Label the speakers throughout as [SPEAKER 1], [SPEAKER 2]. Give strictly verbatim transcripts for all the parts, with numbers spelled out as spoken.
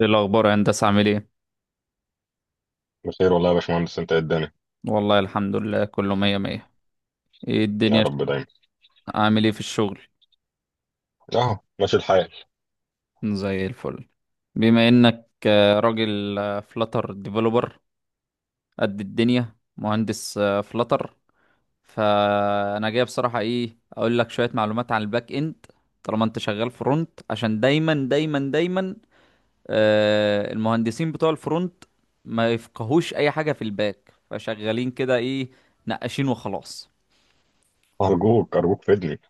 [SPEAKER 1] ايه الاخبار يا هندسه؟ عامل ايه؟
[SPEAKER 2] بخير والله يا باشمهندس، انت ايه الدنيا؟
[SPEAKER 1] والله الحمد لله، كله مية مية. ايه
[SPEAKER 2] يا
[SPEAKER 1] الدنيا؟
[SPEAKER 2] رب دايما.
[SPEAKER 1] عامل ايه في الشغل؟
[SPEAKER 2] اهو ماشي الحال.
[SPEAKER 1] زي الفل. بما انك آه، راجل فلاتر ديفلوبر، قد الدنيا مهندس فلاتر. فانا جاي بصراحه ايه اقول لك شويه معلومات عن الباك اند. طالما انت شغال فرونت، عشان دايما دايما دايما آه، المهندسين بتوع الفرونت ما يفقهوش اي حاجه في الباك، فشغالين كده ايه، نقاشين وخلاص.
[SPEAKER 2] ارجوك ارجوك فدني.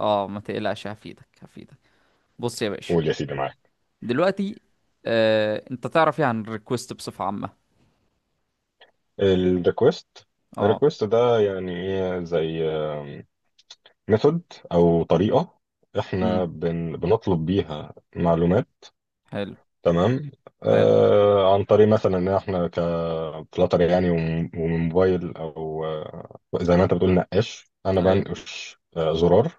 [SPEAKER 1] اه ما تقلقش، هفيدك هفيدك. بص يا باشا،
[SPEAKER 2] قول يا سيدي معاك.
[SPEAKER 1] دلوقتي، آه، انت تعرف ايه عن الريكوست بصفة عامة؟
[SPEAKER 2] الريكوست؟
[SPEAKER 1] اه.
[SPEAKER 2] الريكوست ده يعني ايه، زي ميثود او طريقه
[SPEAKER 1] امم.
[SPEAKER 2] احنا بن بنطلب بيها معلومات.
[SPEAKER 1] حلو.
[SPEAKER 2] تمام.
[SPEAKER 1] حلو،
[SPEAKER 2] آه عن طريق مثلا ان احنا كفلاتر، يعني وم- ومن موبايل، او آه، زي ما انت بتقول نقاش، انا
[SPEAKER 1] ايوه،
[SPEAKER 2] بنقش آه زرار.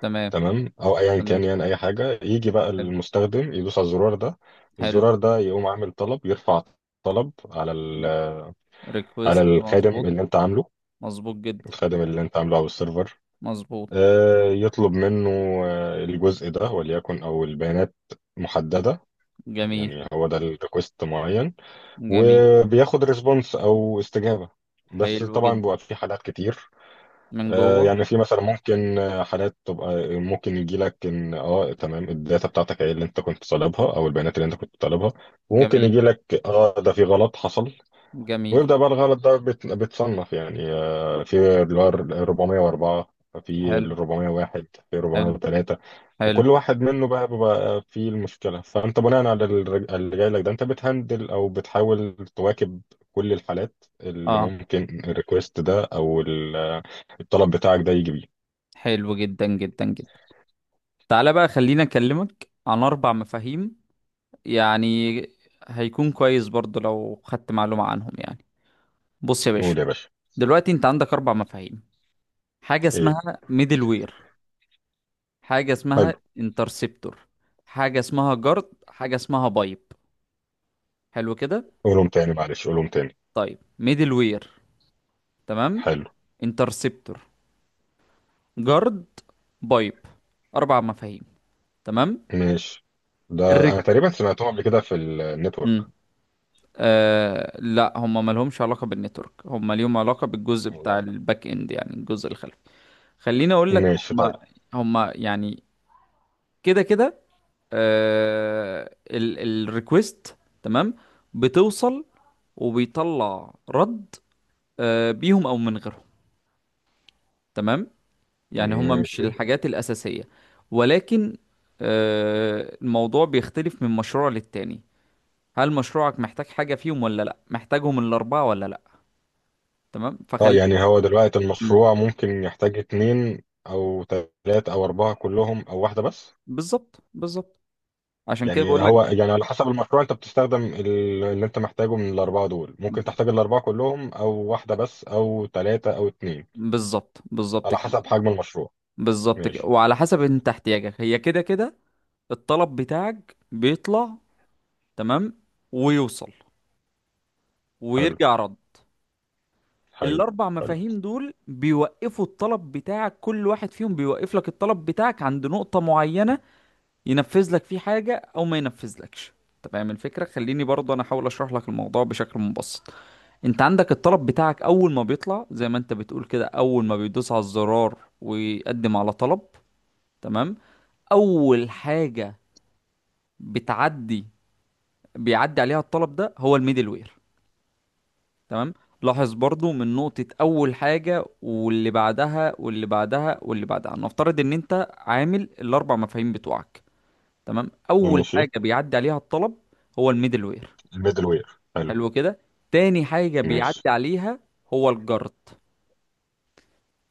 [SPEAKER 1] تمام.
[SPEAKER 2] تمام، او ايا كان،
[SPEAKER 1] تمام،
[SPEAKER 2] يعني اي حاجه. يجي بقى
[SPEAKER 1] حلو،
[SPEAKER 2] المستخدم يدوس على الزرار ده،
[SPEAKER 1] حلو.
[SPEAKER 2] الزرار ده يقوم عامل طلب، يرفع طلب على ال-
[SPEAKER 1] ريكوست،
[SPEAKER 2] على الخادم
[SPEAKER 1] مظبوط.
[SPEAKER 2] اللي انت عامله.
[SPEAKER 1] مظبوط جدا.
[SPEAKER 2] الخادم اللي انت عامله او السيرفر،
[SPEAKER 1] مظبوط.
[SPEAKER 2] آه، يطلب منه آه، الجزء ده وليكن، او البيانات محدده.
[SPEAKER 1] جميل،
[SPEAKER 2] يعني هو ده الريكوست معين،
[SPEAKER 1] جميل،
[SPEAKER 2] وبياخد ريسبونس او استجابه. بس
[SPEAKER 1] حلو
[SPEAKER 2] طبعا
[SPEAKER 1] جدا.
[SPEAKER 2] بيبقى في حالات كتير.
[SPEAKER 1] من
[SPEAKER 2] آه،
[SPEAKER 1] جوه.
[SPEAKER 2] يعني في مثلا ممكن آه، حالات تبقى، ممكن يجي لك ان اه تمام، الداتا بتاعتك ايه اللي انت كنت طالبها او البيانات اللي انت كنت طالبها. وممكن
[SPEAKER 1] جميل،
[SPEAKER 2] يجي لك اه ده في غلط حصل.
[SPEAKER 1] جميل.
[SPEAKER 2] ويبدأ بقى الغلط ده بت- بتصنف، يعني آه، في اللي هو ال أربعمية وأربعة، في ال
[SPEAKER 1] حلو،
[SPEAKER 2] أربعمية وواحد، في
[SPEAKER 1] حلو،
[SPEAKER 2] أربعمية وتلاتة.
[SPEAKER 1] حلو.
[SPEAKER 2] وكل واحد منه بقى بيبقى فيه المشكلة. فأنت بناء على الر- اللي جاي لك ده، أنت بتهندل أو بتحاول تواكب كل الحالات اللي
[SPEAKER 1] اه.
[SPEAKER 2] ممكن الريكوست ده أو ال- الطلب بتاعك ده يجي بيه.
[SPEAKER 1] حلو جدا جدا جدا. تعالى بقى، خلينا اكلمك عن اربع مفاهيم يعني. هيكون كويس برضو لو خدت معلومة عنهم يعني. بص يا باشا،
[SPEAKER 2] قول يا باشا.
[SPEAKER 1] دلوقتي انت عندك اربع مفاهيم. حاجه
[SPEAKER 2] إيه.
[SPEAKER 1] اسمها ميدل وير، حاجه اسمها
[SPEAKER 2] حلو.
[SPEAKER 1] انترسبتور، حاجه اسمها جارد، حاجه اسمها بايب. حلو كده.
[SPEAKER 2] قولهم تاني معلش، قولهم تاني.
[SPEAKER 1] طيب، ميدل وير، تمام.
[SPEAKER 2] حلو.
[SPEAKER 1] انترسبتور، جارد، بايب. اربع مفاهيم، تمام.
[SPEAKER 2] ماشي. ده
[SPEAKER 1] الرك.
[SPEAKER 2] أنا تقريبا سمعتهم قبل كده في النتورك.
[SPEAKER 1] مم. آه لا، هم مالهمش علاقه بالنتورك، هم ليهم علاقه بالجزء بتاع
[SPEAKER 2] والله؟
[SPEAKER 1] الباك اند، يعني الجزء الخلفي. خليني اقول لك.
[SPEAKER 2] ماشي
[SPEAKER 1] هم
[SPEAKER 2] طيب.
[SPEAKER 1] هم يعني كده كده. آه الريكوست تمام، بتوصل، وبيطلع رد، آه بيهم او من غيرهم، تمام. يعني هما مش
[SPEAKER 2] ماشي.
[SPEAKER 1] الحاجات الاساسيه، ولكن آه الموضوع بيختلف من مشروع للتاني. هل مشروعك محتاج حاجه فيهم ولا لا، محتاجهم الاربعه ولا لا؟ تمام،
[SPEAKER 2] اه،
[SPEAKER 1] فخلي.
[SPEAKER 2] يعني هو دلوقتي
[SPEAKER 1] مم.
[SPEAKER 2] المشروع ممكن يحتاج اتنين او تلاتة او اربعة كلهم او واحدة بس.
[SPEAKER 1] بالظبط بالظبط. عشان كده
[SPEAKER 2] يعني
[SPEAKER 1] بقول لك.
[SPEAKER 2] هو، يعني على حسب المشروع انت بتستخدم ال- اللي انت محتاجه من الاربعة دول. ممكن تحتاج الاربعة كلهم او واحدة بس او تلاتة او اتنين.
[SPEAKER 1] بالظبط بالظبط
[SPEAKER 2] على
[SPEAKER 1] كده.
[SPEAKER 2] حسب حجم المشروع.
[SPEAKER 1] بالظبط كده،
[SPEAKER 2] ماشي.
[SPEAKER 1] وعلى حسب انت احتياجك، هي كده كده. الطلب بتاعك بيطلع، تمام، ويوصل،
[SPEAKER 2] حلو.
[SPEAKER 1] ويرجع رد.
[SPEAKER 2] حلو.
[SPEAKER 1] الاربع
[SPEAKER 2] حلو.
[SPEAKER 1] مفاهيم دول بيوقفوا الطلب بتاعك، كل واحد فيهم بيوقف لك الطلب بتاعك عند نقطة معينة، ينفذ لك فيه حاجة او ما ينفذلكش. انت فاهم الفكرة؟ خليني برضه انا احاول اشرح لك الموضوع بشكل مبسط. انت عندك الطلب بتاعك، اول ما بيطلع زي ما انت بتقول كده، اول ما بيدوس على الزرار ويقدم على طلب. تمام، اول حاجة بتعدي بيعدي عليها الطلب ده، هو الميدل وير. تمام، لاحظ برضو، من نقطة أول حاجة واللي بعدها واللي بعدها واللي بعدها، نفترض إن أنت عامل الأربع مفاهيم بتوعك. تمام، أول
[SPEAKER 2] ماشي.
[SPEAKER 1] حاجة بيعدي عليها الطلب هو الميدل وير.
[SPEAKER 2] الميدل وير. حلو.
[SPEAKER 1] حلو كده. تاني حاجة
[SPEAKER 2] ماشي.
[SPEAKER 1] بيعدي عليها هو الجارد.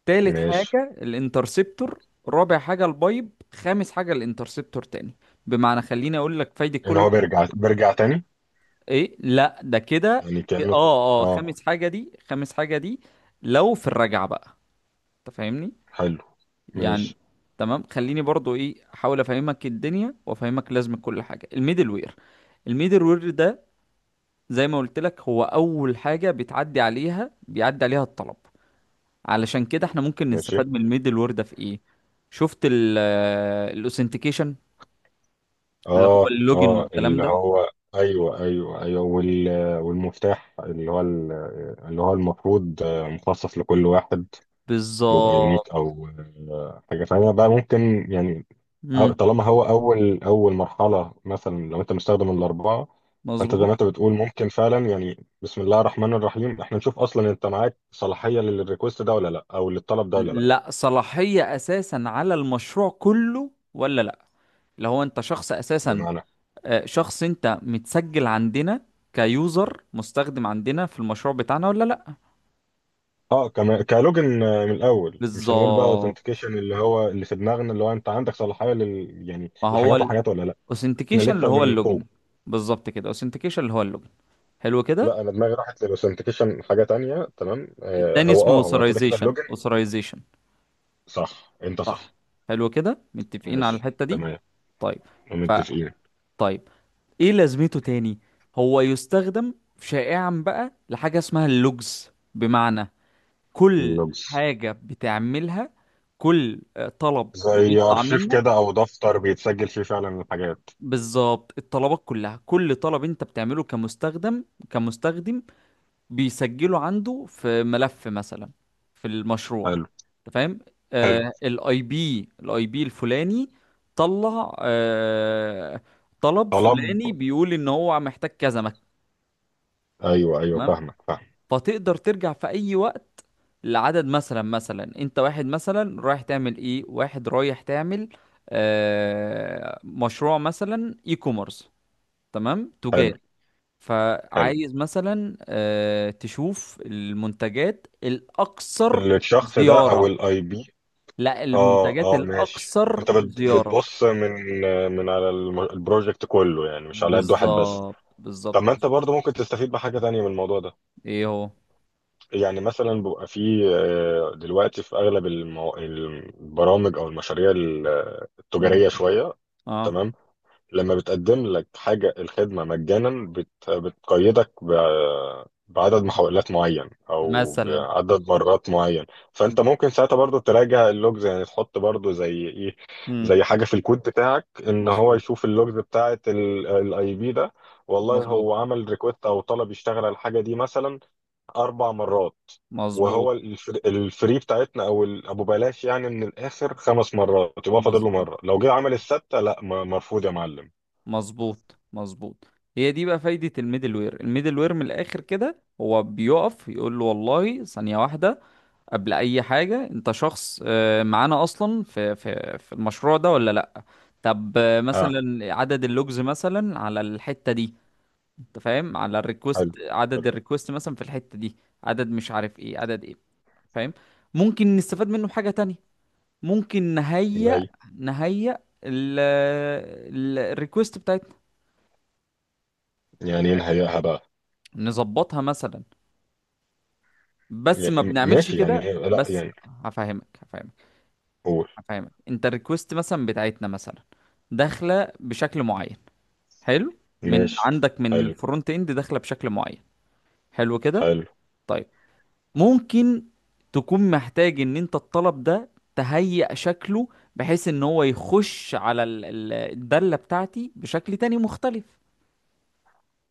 [SPEAKER 1] تالت
[SPEAKER 2] ماشي،
[SPEAKER 1] حاجة الانترسبتور. رابع حاجة البايب، خامس حاجة الانترسبتور تاني. بمعنى، خليني أقول لك فايدة
[SPEAKER 2] ان
[SPEAKER 1] كل
[SPEAKER 2] هو
[SPEAKER 1] واحد.
[SPEAKER 2] بيرجع بيرجع تاني،
[SPEAKER 1] إيه، لا ده كده.
[SPEAKER 2] يعني
[SPEAKER 1] ك-
[SPEAKER 2] كأنه.
[SPEAKER 1] اه اه
[SPEAKER 2] اه.
[SPEAKER 1] خامس حاجة دي، خامس حاجة دي. لو في الرجعة بقى، انت فاهمني؟
[SPEAKER 2] حلو.
[SPEAKER 1] يعني،
[SPEAKER 2] ماشي.
[SPEAKER 1] تمام، خليني برضو ايه احاول افهمك الدنيا وافهمك لازمة كل حاجة. الميدل وير، الميدل وير ده، زي ما قلت لك، هو اول حاجة بتعدي عليها بيعدي عليها الطلب. علشان كده احنا ممكن
[SPEAKER 2] ماشي.
[SPEAKER 1] نستفاد من الميدل وير ده في ايه؟ شفت؟ الاوثنتيكيشن، اللي هو
[SPEAKER 2] اه
[SPEAKER 1] اللوجن
[SPEAKER 2] اه،
[SPEAKER 1] والكلام
[SPEAKER 2] اللي
[SPEAKER 1] ده.
[SPEAKER 2] هو، ايوه ايوه ايوه، وال... والمفتاح، اللي هو ال... اللي هو المفروض آه، مخصص لكل واحد، بيبقى يونيك،
[SPEAKER 1] بالظبط.
[SPEAKER 2] او آه، حاجه ثانيه بقى، ممكن يعني. أو-
[SPEAKER 1] امم.
[SPEAKER 2] طالما هو اول اول مرحله، مثلا لو انت مستخدم الاربعه، فانت زي
[SPEAKER 1] مظبوط.
[SPEAKER 2] ما انت بتقول ممكن فعلا، يعني بسم الله الرحمن الرحيم، احنا نشوف اصلا انت معاك صلاحيه للريكوست ده ولا لا، او للطلب ده ولا لا.
[SPEAKER 1] لا، صلاحية اساسا على المشروع كله ولا لا، لو هو انت شخص اساسا،
[SPEAKER 2] بمعنى.
[SPEAKER 1] آه، شخص انت متسجل عندنا، كيوزر مستخدم عندنا في المشروع بتاعنا ولا لا؟
[SPEAKER 2] اه كمان كلوجن، آه، من الاول، مش هنقول بقى
[SPEAKER 1] بالظبط.
[SPEAKER 2] اوثنتيكيشن اللي هو اللي في دماغنا، اللي هو انت عندك صلاحيه لل، يعني
[SPEAKER 1] ما هو
[SPEAKER 2] لحاجات وحاجات ولا لا. احنا
[SPEAKER 1] الاوثنتيكيشن اللي
[SPEAKER 2] لسه
[SPEAKER 1] هو
[SPEAKER 2] من فوق.
[SPEAKER 1] اللوجن. بالظبط كده، اوثنتيكيشن اللي هو اللوجن. حلو كده.
[SPEAKER 2] لا، انا دماغي راحت للاوثنتيكيشن حاجه تانية. تمام. آه
[SPEAKER 1] التاني
[SPEAKER 2] هو
[SPEAKER 1] اسمه
[SPEAKER 2] اه هو كده كده
[SPEAKER 1] اوثرايزيشن،
[SPEAKER 2] اللوجن.
[SPEAKER 1] اوثرايزيشن.
[SPEAKER 2] صح، انت
[SPEAKER 1] صح.
[SPEAKER 2] صح.
[SPEAKER 1] حلو كده، متفقين على
[SPEAKER 2] ماشي
[SPEAKER 1] الحتة دي.
[SPEAKER 2] تمام.
[SPEAKER 1] طيب. ف
[SPEAKER 2] متفقين.
[SPEAKER 1] طيب، ايه لازمته تاني؟ هو يستخدم شائعا بقى لحاجة اسمها اللوجز، بمعنى كل
[SPEAKER 2] اللوجز؟
[SPEAKER 1] حاجة بتعملها، كل آه، طلب
[SPEAKER 2] زي
[SPEAKER 1] بيطلع
[SPEAKER 2] ارشيف
[SPEAKER 1] منك.
[SPEAKER 2] كده او دفتر بيتسجل فيه فعلا الحاجات.
[SPEAKER 1] بالظبط، الطلبات كلها، كل طلب انت بتعمله كمستخدم كمستخدم، بيسجله عنده في ملف مثلا، في المشروع.
[SPEAKER 2] حلو.
[SPEAKER 1] انت فاهم؟
[SPEAKER 2] حلو.
[SPEAKER 1] آه الاي بي الاي بي الفلاني، طلع آه، طلب
[SPEAKER 2] طلب.
[SPEAKER 1] فلاني بيقول ان هو محتاج كذا مك-
[SPEAKER 2] ايوه ايوه،
[SPEAKER 1] تمام،
[SPEAKER 2] فاهمك فاهم.
[SPEAKER 1] فتقدر ترجع في اي وقت. العدد مثلا، مثلا انت واحد مثلا رايح تعمل ايه، واحد رايح تعمل آه مشروع مثلا اي كوميرس، تمام،
[SPEAKER 2] حلو.
[SPEAKER 1] تجاري.
[SPEAKER 2] حلو.
[SPEAKER 1] فعايز مثلا آه تشوف المنتجات الاكثر
[SPEAKER 2] الشخص ده او
[SPEAKER 1] زيارة؟
[SPEAKER 2] الاي بي؟
[SPEAKER 1] لا،
[SPEAKER 2] اه
[SPEAKER 1] المنتجات
[SPEAKER 2] اه ماشي،
[SPEAKER 1] الاكثر
[SPEAKER 2] انت بت-
[SPEAKER 1] زيارة.
[SPEAKER 2] بتبص من من على الم- البروجكت كله، يعني مش على قد واحد بس.
[SPEAKER 1] بالظبط
[SPEAKER 2] طب
[SPEAKER 1] بالظبط.
[SPEAKER 2] ما انت برضه ممكن تستفيد بحاجة تانية من الموضوع ده.
[SPEAKER 1] ايه هو؟
[SPEAKER 2] يعني مثلا بيبقى فيه آه، دلوقتي، في اغلب المو... البرامج او المشاريع ال-
[SPEAKER 1] مم.
[SPEAKER 2] التجارية شوية.
[SPEAKER 1] اه،
[SPEAKER 2] تمام. لما بتقدم لك حاجة، الخدمة مجانا، بت... بتقيدك ب... بعدد محاولات معين أو
[SPEAKER 1] مثلا.
[SPEAKER 2] بعدد مرات معين. فأنت ممكن ساعتها برضو تراجع اللوجز، يعني تحط برضو زي إيه،
[SPEAKER 1] مم.
[SPEAKER 2] زي حاجة في الكود بتاعك إن هو
[SPEAKER 1] مظبوط،
[SPEAKER 2] يشوف اللوجز بتاعة الاي بي ده، والله
[SPEAKER 1] مظبوط،
[SPEAKER 2] هو عمل ريكوست أو طلب يشتغل على الحاجة دي مثلا أربع مرات.
[SPEAKER 1] مظبوط،
[SPEAKER 2] وهو الفر- الفري بتاعتنا او ال- ابو بلاش يعني، من الاخر خمس مرات. يبقى فاضل له
[SPEAKER 1] مظبوط،
[SPEAKER 2] مره، لو جه عمل السته، لا م- مرفوض يا معلم.
[SPEAKER 1] مظبوط، مظبوط. هي دي بقى فايدة الميدل وير. الميدل وير من الآخر كده، هو بيقف يقول له والله ثانية واحدة، قبل أي حاجة، أنت شخص آه، معانا أصلا في في في المشروع ده ولا لأ؟ طب، آه، مثلا عدد اللوجز مثلا على الحتة دي، أنت فاهم، على الريكوست
[SPEAKER 2] حلو.
[SPEAKER 1] عدد
[SPEAKER 2] حلو.
[SPEAKER 1] الريكوست مثلا في الحتة دي، عدد مش عارف إيه، عدد إيه. فاهم. ممكن نستفاد منه بحاجة تانية. ممكن
[SPEAKER 2] زي.
[SPEAKER 1] نهيأ نهيأ ال- ال- الريكوست بتاعتنا،
[SPEAKER 2] يعني ايه نهيئها بقى؟
[SPEAKER 1] نظبطها مثلا. بس ما
[SPEAKER 2] يعني م-
[SPEAKER 1] بنعملش
[SPEAKER 2] ماشي، يعني
[SPEAKER 1] كده،
[SPEAKER 2] ايه، لا
[SPEAKER 1] بس
[SPEAKER 2] يعني.
[SPEAKER 1] هفهمك هفهمك.
[SPEAKER 2] قول.
[SPEAKER 1] هفهمك، انت الريكوست مثلا بتاعتنا مثلا داخله بشكل معين. حلو، من
[SPEAKER 2] ماشي.
[SPEAKER 1] عندك من
[SPEAKER 2] حلو.
[SPEAKER 1] الفرونت اند داخله بشكل معين. حلو كده.
[SPEAKER 2] حلو.
[SPEAKER 1] طيب، ممكن تكون محتاج ان انت الطلب ده تهيئ شكله، بحيث ان هو يخش على ال- ال- الدالة بتاعتي بشكل تاني مختلف.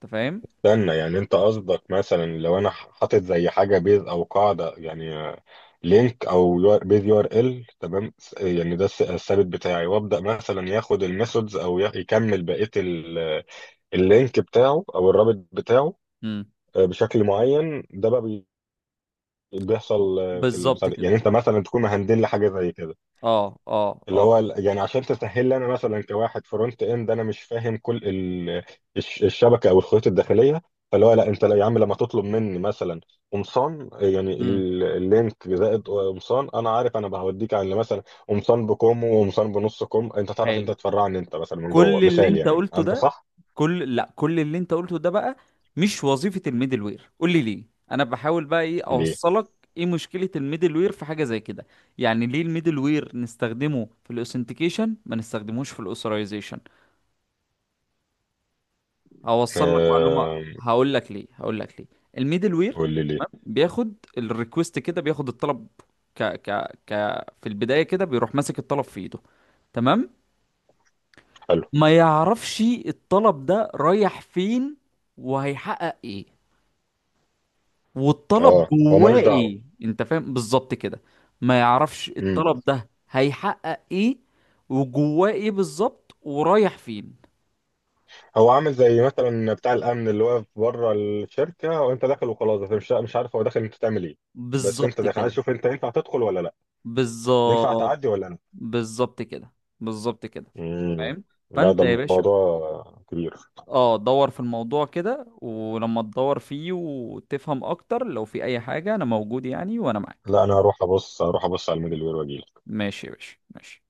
[SPEAKER 1] انت فاهم؟
[SPEAKER 2] استنى، يعني انت قصدك مثلا لو انا ح- حاطط زي حاجه بيز او قاعده، يعني آه، لينك، او يو- بيز يو ار ال، تمام، س- يعني ده الس- الثابت بتاعي، وابدا مثلا ياخد الميثودز او ي- يكمل بقيه ال- اللينك بتاعه او الرابط بتاعه
[SPEAKER 1] امم.
[SPEAKER 2] آه، بشكل معين. ده بقى بي- بيحصل آه، في
[SPEAKER 1] بالظبط
[SPEAKER 2] البتاع ده.
[SPEAKER 1] كده.
[SPEAKER 2] يعني انت مثلا تكون مهندل لي حاجه زي كده،
[SPEAKER 1] اه، اه،
[SPEAKER 2] اللي
[SPEAKER 1] اه.
[SPEAKER 2] هو ال- يعني عشان تسهل لي انا مثلا كواحد فرونت اند، انا مش فاهم كل ال- الش- الشبكه او الخيوط الداخليه. فاللي هو لا، انت لا يا عم، لما تطلب مني مثلا قمصان، يعني
[SPEAKER 1] امم.
[SPEAKER 2] ال- اللينك زائد قمصان، انا عارف انا هوديك على مثلا قمصان بكم وقمصان بنص كم. انت تعرف،
[SPEAKER 1] حلو،
[SPEAKER 2] انت تفرعني انت مثلا من جوه.
[SPEAKER 1] كل اللي
[SPEAKER 2] مثال
[SPEAKER 1] انت
[SPEAKER 2] يعني،
[SPEAKER 1] قلته
[SPEAKER 2] هل ده
[SPEAKER 1] ده،
[SPEAKER 2] صح؟
[SPEAKER 1] كل لا كل اللي انت قلته ده بقى مش وظيفة الميدل وير، قول لي ليه. انا بحاول بقى ايه
[SPEAKER 2] ليه؟
[SPEAKER 1] اوصلك، ايه مشكلة الميدل وير في حاجة زي كده؟ يعني ليه الميدل وير نستخدمه في الاوثنتيكيشن، ما نستخدموش في الاوثرايزيشن؟ اوصل لك معلومة،
[SPEAKER 2] آه.
[SPEAKER 1] هقول لك ليه، هقول لك ليه. الميدل وير
[SPEAKER 2] قول لي ليه؟
[SPEAKER 1] بياخد الريكوست كده، بياخد الطلب، ك ك ك في البداية كده، بيروح ماسك الطلب في ايده. تمام،
[SPEAKER 2] حلو.
[SPEAKER 1] ما يعرفش الطلب ده رايح فين، وهيحقق ايه،
[SPEAKER 2] اه،
[SPEAKER 1] والطلب
[SPEAKER 2] هو
[SPEAKER 1] جواه
[SPEAKER 2] ملوش دعوه.
[SPEAKER 1] ايه. انت فاهم؟ بالظبط كده. ما يعرفش الطلب ده هيحقق ايه، وجواه ايه بالظبط، ورايح فين.
[SPEAKER 2] هو عامل زي مثلا بتاع الامن اللي واقف بره الشركه، وانت داخل وخلاص، انت مش مش عارف هو داخل انت تعمل ايه. بس انت
[SPEAKER 1] بالظبط
[SPEAKER 2] داخل، عايز
[SPEAKER 1] كده.
[SPEAKER 2] تشوف انت ينفع تدخل ولا لا، ينفع
[SPEAKER 1] بالظبط
[SPEAKER 2] تعدي ولا لا.
[SPEAKER 1] بالظبط كده. بالظبط كده.
[SPEAKER 2] امم.
[SPEAKER 1] فاهم.
[SPEAKER 2] لا،
[SPEAKER 1] فانت
[SPEAKER 2] ده
[SPEAKER 1] يا باشا،
[SPEAKER 2] الموضوع كبير.
[SPEAKER 1] اه دور في الموضوع كده، ولما تدور فيه وتفهم اكتر، لو في اي حاجة انا موجود، يعني وانا معاك.
[SPEAKER 2] لا، انا هروح ابص هروح ابص على الميدل وير واجي.
[SPEAKER 1] ماشي يا باشا، ماشي.